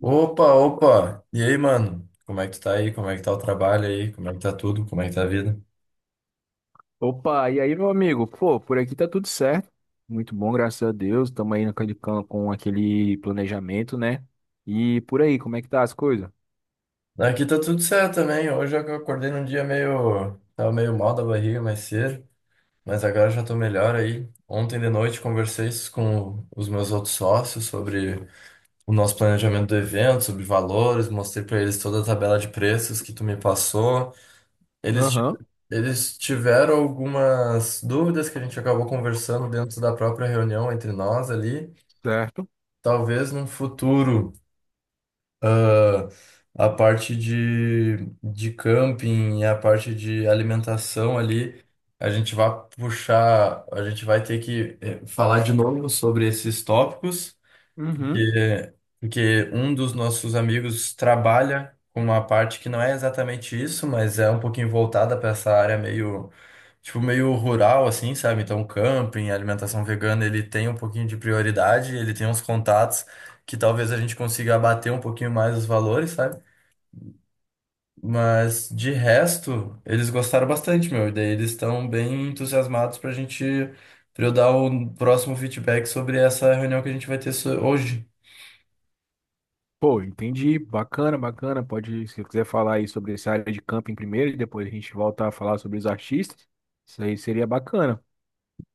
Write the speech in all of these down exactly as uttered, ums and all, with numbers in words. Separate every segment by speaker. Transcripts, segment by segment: Speaker 1: Opa, opa! E aí, mano? Como é que tu tá aí? Como é que tá o trabalho aí? Como é que tá tudo? Como é que tá a vida?
Speaker 2: Opa, e aí, meu amigo? Pô, por aqui tá tudo certo. Muito bom, graças a Deus. Estamos aí naquele, can- com aquele planejamento, né? E por aí, como é que tá as coisas?
Speaker 1: Aqui tá tudo certo também. Hoje eu acordei num dia meio. Tava meio mal da barriga mais cedo, mas agora já tô melhor aí. Ontem de noite conversei com os meus outros sócios sobre o nosso planejamento do evento, sobre valores, mostrei pra eles toda a tabela de preços que tu me passou. Eles, ti-
Speaker 2: Aham,
Speaker 1: Eles tiveram algumas dúvidas que a gente acabou conversando dentro da própria reunião entre nós ali.
Speaker 2: certo.
Speaker 1: Talvez num futuro, ah, a parte de, de camping e a parte de alimentação ali, a gente vai puxar, a gente vai ter que eh, falar de novo sobre esses tópicos.
Speaker 2: Uhum.
Speaker 1: Porque, porque um dos nossos amigos trabalha com uma parte que não é exatamente isso, mas é um pouquinho voltada para essa área meio, tipo, meio rural, assim, sabe? Então, camping, alimentação vegana, ele tem um pouquinho de prioridade, ele tem uns contatos que talvez a gente consiga abater um pouquinho mais os valores, sabe? Mas de resto, eles gostaram bastante, meu. E daí eles estão bem entusiasmados pra gente, pra eu dar o próximo feedback sobre essa reunião que a gente vai ter so- hoje.
Speaker 2: Pô, entendi. Bacana, bacana. Pode, se quiser falar aí sobre essa área de camping primeiro e depois a gente volta a falar sobre os artistas. Isso aí seria bacana.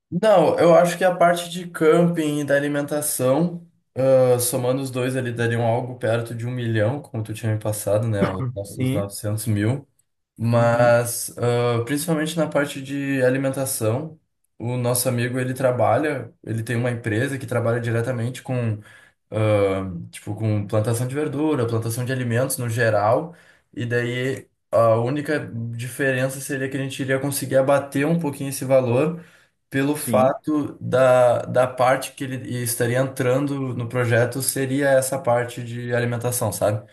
Speaker 1: Não, eu acho que a parte de camping e da alimentação, ah, somando os dois ali, dariam algo perto de um milhão, como tu tinha me passado, né? Os no- os
Speaker 2: Sim.
Speaker 1: 900 mil.
Speaker 2: Uhum.
Speaker 1: Mas, ah, principalmente na parte de alimentação, o nosso amigo, ele trabalha, ele tem uma empresa que trabalha diretamente com ah, tipo, com plantação de verdura, plantação de alimentos no geral, e daí a única diferença seria que a gente iria conseguir abater um pouquinho esse valor pelo
Speaker 2: Sim,
Speaker 1: fato da, da parte que ele estaria entrando no projeto seria essa parte de alimentação, sabe?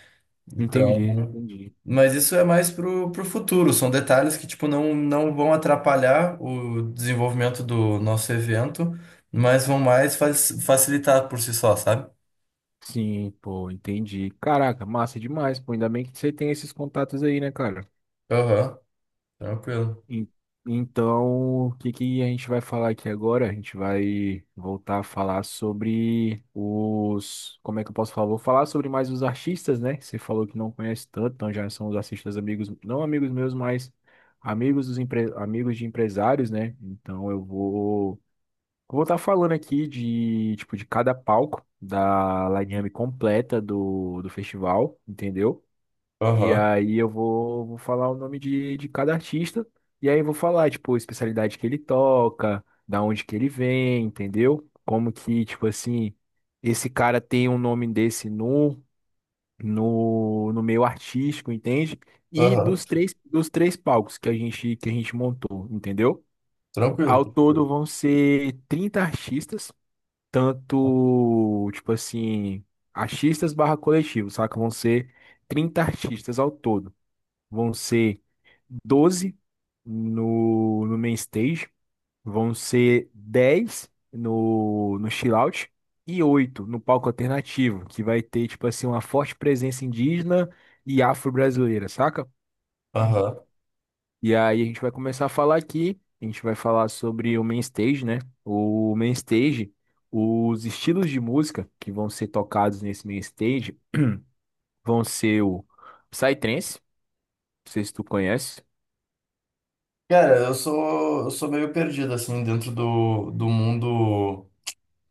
Speaker 2: entendi,
Speaker 1: Então,
Speaker 2: entendi.
Speaker 1: mas isso é mais pro, pro futuro, são detalhes que, tipo, não, não vão atrapalhar o desenvolvimento do nosso evento, mas vão mais fa- facilitar por si só, sabe?
Speaker 2: Sim, pô, entendi. Caraca, massa demais, pô. Ainda bem que você tem esses contatos aí, né, cara?
Speaker 1: Aham. Tranquilo.
Speaker 2: En- Então, o que que a gente vai falar aqui agora? A gente vai voltar a falar sobre os. Como é que eu posso falar? Vou falar sobre mais os artistas, né? Você falou que não conhece tanto, então já são os artistas amigos, não amigos meus, mas amigos dos empre... amigos de empresários, né? Então eu vou vou estar falando aqui de tipo de cada palco da line completa do, do festival, entendeu? E
Speaker 1: Aham.
Speaker 2: aí eu vou, vou falar o nome de, de cada artista. E aí vou falar, tipo, a especialidade que ele toca, da onde que ele vem, entendeu? Como que, tipo assim, esse cara tem um nome desse no, no, no meio artístico, entende? E
Speaker 1: Aham.
Speaker 2: dos três, dos três palcos que a gente, que a gente montou, entendeu?
Speaker 1: Tranquilo,
Speaker 2: Ao
Speaker 1: tranquilo.
Speaker 2: todo vão ser trinta artistas, tanto, tipo assim, artistas barra coletivo, saca? Vão ser trinta artistas ao todo vão ser doze no, no main stage, vão ser dez no, no chill out e oito no palco alternativo, que vai ter, tipo assim, uma forte presença indígena e afro-brasileira, saca?
Speaker 1: Aham.
Speaker 2: E aí a gente vai começar a falar aqui, a gente vai falar sobre o main stage, né? O main stage, os estilos de música que vão ser tocados nesse main stage vão ser o Psytrance, não sei se tu conhece.
Speaker 1: Cara, eu sou, eu sou meio perdido, assim, dentro do, do mundo.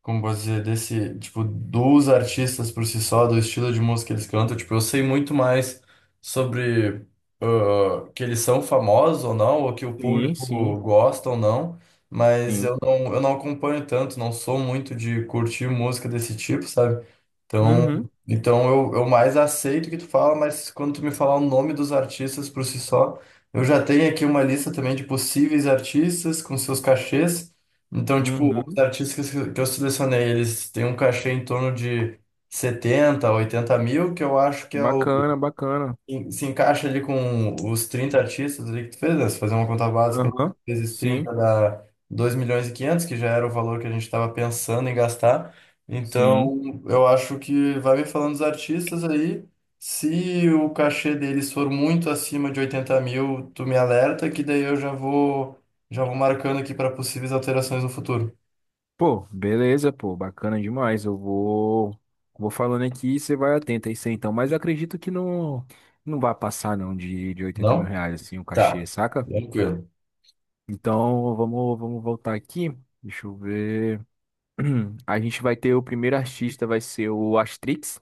Speaker 1: Como posso dizer, desse, tipo, dos artistas por si só, do estilo de música que eles cantam, tipo, eu sei muito mais sobre ah, que eles são famosos ou não, ou que o
Speaker 2: Sim,
Speaker 1: público
Speaker 2: sim,
Speaker 1: gosta ou não, mas
Speaker 2: sim.
Speaker 1: eu não, eu não acompanho tanto, não sou muito de curtir música desse tipo, sabe? Então,
Speaker 2: Uhum.
Speaker 1: então eu, eu mais aceito o que tu fala, mas quando tu me falar o nome dos artistas por si só, eu já tenho aqui uma lista também de possíveis artistas com seus cachês, então, tipo, os
Speaker 2: Uhum.
Speaker 1: artistas que que eu selecionei, eles têm um cachê em torno de setenta, oitenta mil, que eu acho que é o,
Speaker 2: Bacana, bacana.
Speaker 1: em- se encaixa ali com os trinta artistas ali que tu fez, né? Se fazer uma conta básica,
Speaker 2: Aham.
Speaker 1: vezes
Speaker 2: Sim,
Speaker 1: trinta dá dois milhões e quinhentos, que já era o valor que a gente estava pensando em gastar.
Speaker 2: sim.
Speaker 1: Então, eu acho que vai me falando dos artistas aí. Se o cachê deles for muito acima de oitenta mil, tu me alerta, que daí eu já vou, já vou marcando aqui para possíveis alterações no futuro.
Speaker 2: Pô, beleza, pô, bacana demais. Eu vou vou falando aqui e você vai atento a isso aí, você então. Mas eu acredito que não não vai passar não de, de oitenta mil
Speaker 1: Não?
Speaker 2: reais assim o
Speaker 1: Tá.
Speaker 2: cachê, saca?
Speaker 1: Tranquilo.
Speaker 2: Então vamos vamos voltar aqui. Deixa eu ver. A gente vai ter o primeiro artista vai ser o Astrix.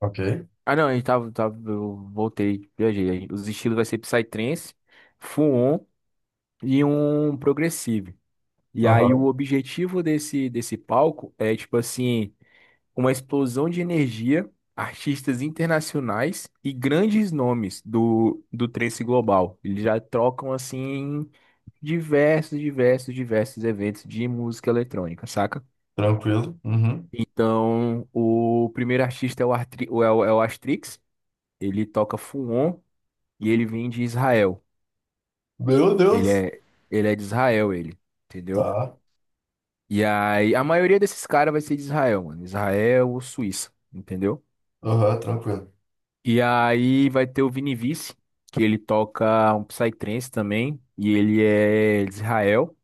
Speaker 1: Ok.
Speaker 2: Ah, não, a gente tava, tava eu voltei, viajei. Os estilos vai ser Psytrance, Fuon e um progressive. E aí o
Speaker 1: Aham.
Speaker 2: objetivo desse, desse palco é, tipo assim, uma explosão de energia, artistas internacionais e grandes nomes do, do trance global. Eles já trocam, assim, diversos, diversos, diversos eventos de música eletrônica, saca?
Speaker 1: Tranquilo. Uhum.
Speaker 2: Então, o primeiro artista é o, Artri, é o, é o Astrix, ele toca Fuon e ele vem de Israel.
Speaker 1: Meu
Speaker 2: Ele
Speaker 1: Deus.
Speaker 2: é, ele é de Israel, ele, entendeu?
Speaker 1: Tá.
Speaker 2: E aí, a maioria desses caras vai ser de Israel, mano. Israel ou Suíça, entendeu?
Speaker 1: Aham, tranquilo.
Speaker 2: E aí vai ter o Vini Vici, que ele toca um psytrance também, e ele é de Israel.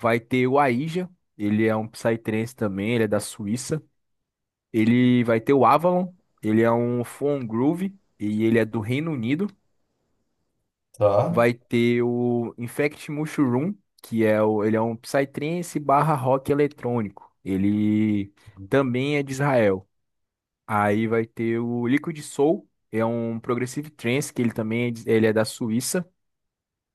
Speaker 2: Vai ter o Aija, ele é um psytrance também, ele é da Suíça. Ele vai ter o Avalon, ele é um Foam Groove, e ele é do Reino Unido.
Speaker 1: Tá.
Speaker 2: Vai ter o Infect Mushroom, que é o, ele é um psytrance barra rock eletrônico. Ele também é de Israel. Aí vai ter o Liquid Soul, é um Progressive Trance, que ele também é, de- ele é da Suíça.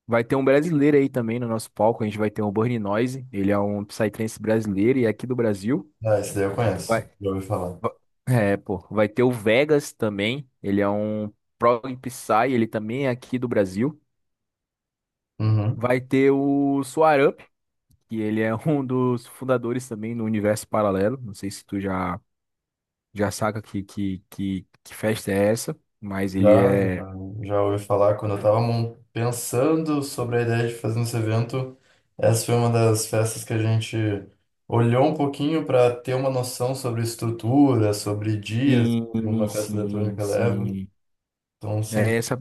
Speaker 2: Vai ter um brasileiro aí também no nosso palco, a gente vai ter o Burning Noise, ele é um Psytrance brasileiro e é aqui do Brasil.
Speaker 1: Ah, esse daí eu
Speaker 2: Vai,
Speaker 1: conheço. Já ouvi falar.
Speaker 2: va- é, pô, vai ter o Vegas também, ele é um Prog Psy, ele também é aqui do Brasil.
Speaker 1: Uhum.
Speaker 2: Vai ter o Soar Up, que ele é um dos fundadores também do Universo Paralelo, não sei se tu já, já saca que, que, que, que festa é essa, mas ele
Speaker 1: Já, já,
Speaker 2: é.
Speaker 1: já ouvi falar quando eu tava mon- pensando sobre a ideia de fazer esse evento. Essa foi uma das festas que a gente olhou um pouquinho para ter uma noção sobre estrutura, sobre dias que uma
Speaker 2: Sim,
Speaker 1: festa
Speaker 2: sim,
Speaker 1: eletrônica leva.
Speaker 2: sim.
Speaker 1: Então, sim.
Speaker 2: É essa,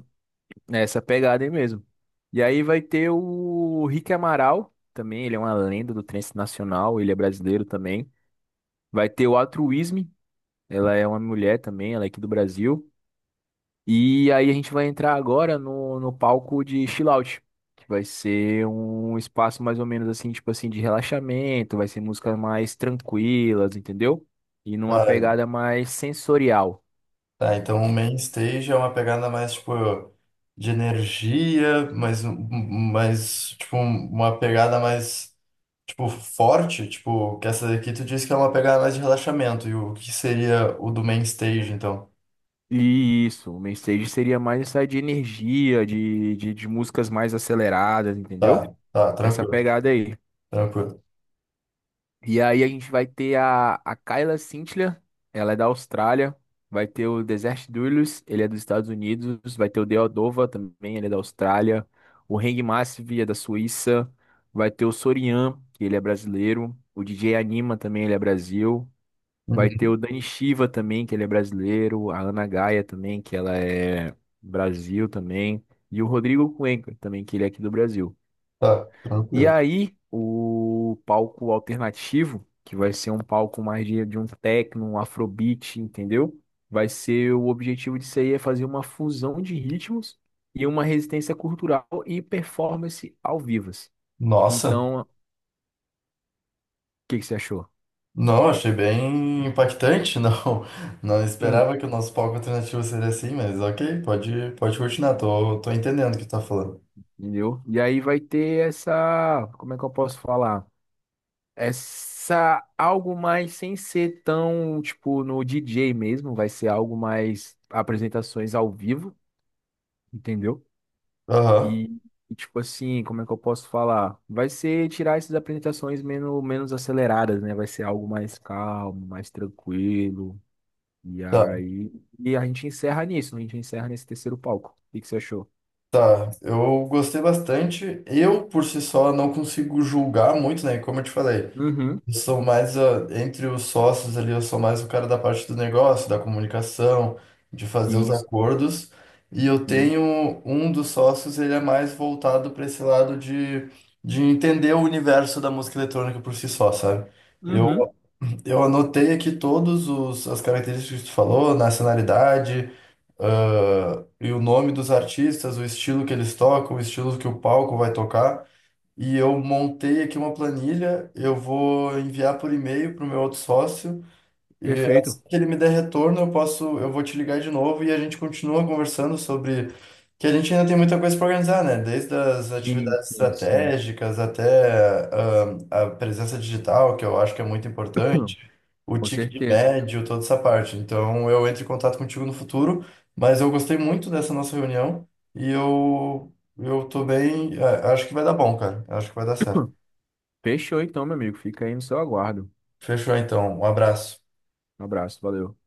Speaker 2: é essa pegada aí mesmo. E aí vai ter o Rick Amaral também, ele é uma lenda do trance nacional, ele é brasileiro também. Vai ter o Altruísme, ela é uma mulher também, ela é aqui do Brasil. E aí a gente vai entrar agora no, no, palco de chill out, que vai ser um espaço mais ou menos assim, tipo assim, de relaxamento, vai ser músicas mais tranquilas, entendeu? E numa
Speaker 1: Tá.
Speaker 2: pegada mais sensorial.
Speaker 1: Tá, então o main stage é uma pegada mais, tipo, de energia, mas, um- um- um, mais, tipo, um- uma pegada mais, tipo, forte, tipo, que essa daqui tu disse que é uma pegada mais de relaxamento, e o que seria o do main stage, então?
Speaker 2: Isso, o mainstage seria mais essa de energia, de, de, de músicas mais aceleradas, entendeu?
Speaker 1: Tá, tá,
Speaker 2: Essa
Speaker 1: tranquilo,
Speaker 2: pegada aí.
Speaker 1: tranquilo.
Speaker 2: E aí a gente vai ter a, a Kyla Cintila, ela é da Austrália. Vai ter o Desert Doolittle, ele é dos Estados Unidos. Vai ter o Deodova também, ele é da Austrália. O Hang Massive é da Suíça. Vai ter o Sorian, que ele é brasileiro. O D J Anima também, ele é Brasil. Vai ter
Speaker 1: Uhum.
Speaker 2: o Dani Shiva também, que ele é brasileiro, a Ana Gaia também, que ela é Brasil também, e o Rodrigo Cuenca também, que ele é aqui do Brasil.
Speaker 1: Tá,
Speaker 2: E
Speaker 1: tranquilo.
Speaker 2: aí, o palco alternativo, que vai ser um palco mais de, de um techno, um afrobeat, entendeu? Vai ser O objetivo disso aí é fazer uma fusão de ritmos e uma resistência cultural e performance ao vivas.
Speaker 1: Nossa,
Speaker 2: Então, o que que você achou?
Speaker 1: não, achei bem impactante, não, não
Speaker 2: Hum,
Speaker 1: esperava que o nosso palco alternativo seria assim, mas ok, pode, pode continuar, tô, tô entendendo o que tu tá falando.
Speaker 2: Entendeu? E aí vai ter essa, como é que eu posso falar? Essa algo mais sem ser tão, tipo, no D J mesmo, vai ser algo mais apresentações ao vivo, entendeu?
Speaker 1: Aham.
Speaker 2: E, e, tipo assim, como é que eu posso falar? Vai ser tirar essas apresentações menos, menos aceleradas, né? Vai ser algo mais calmo, mais tranquilo. E
Speaker 1: Tá.
Speaker 2: aí, e a gente encerra nisso, a gente encerra nesse terceiro palco. O que que você achou?
Speaker 1: Tá, eu gostei bastante. Eu, por si só, não consigo julgar muito, né? Como eu te falei,
Speaker 2: Uhum.
Speaker 1: eu sou mais, ah, entre os sócios ali, eu sou mais o cara da parte do negócio, da comunicação, de fazer os
Speaker 2: Sim, sim,
Speaker 1: acordos. E eu
Speaker 2: sim.
Speaker 1: tenho um dos sócios, ele é mais voltado para esse lado de, de entender o universo da música eletrônica por si só, sabe? Eu,
Speaker 2: Uhum.
Speaker 1: eu anotei aqui todos os, as características que tu falou, nacionalidade ah, e o nome dos artistas, o estilo que eles tocam, o estilo que o palco vai tocar. E eu montei aqui uma planilha, eu vou enviar por e-mail para o meu outro sócio. E assim
Speaker 2: Perfeito.
Speaker 1: que ele me der retorno, eu posso, eu vou te ligar de novo e a gente continua conversando sobre que a gente ainda tem muita coisa para organizar, né? Desde as
Speaker 2: Sim,
Speaker 1: atividades
Speaker 2: sim, sim.
Speaker 1: estratégicas até ah, a presença digital, que eu acho que é muito importante, o
Speaker 2: Com
Speaker 1: ticket
Speaker 2: certeza.
Speaker 1: médio, toda essa parte. Então eu entro em contato contigo no futuro, mas eu gostei muito dessa nossa reunião e eu eu tô bem, ah, acho que vai dar bom, cara. Acho que vai dar certo.
Speaker 2: Fechou então, meu amigo. Fica aí no seu aguardo.
Speaker 1: Fechou então. Um abraço.
Speaker 2: Um abraço, valeu.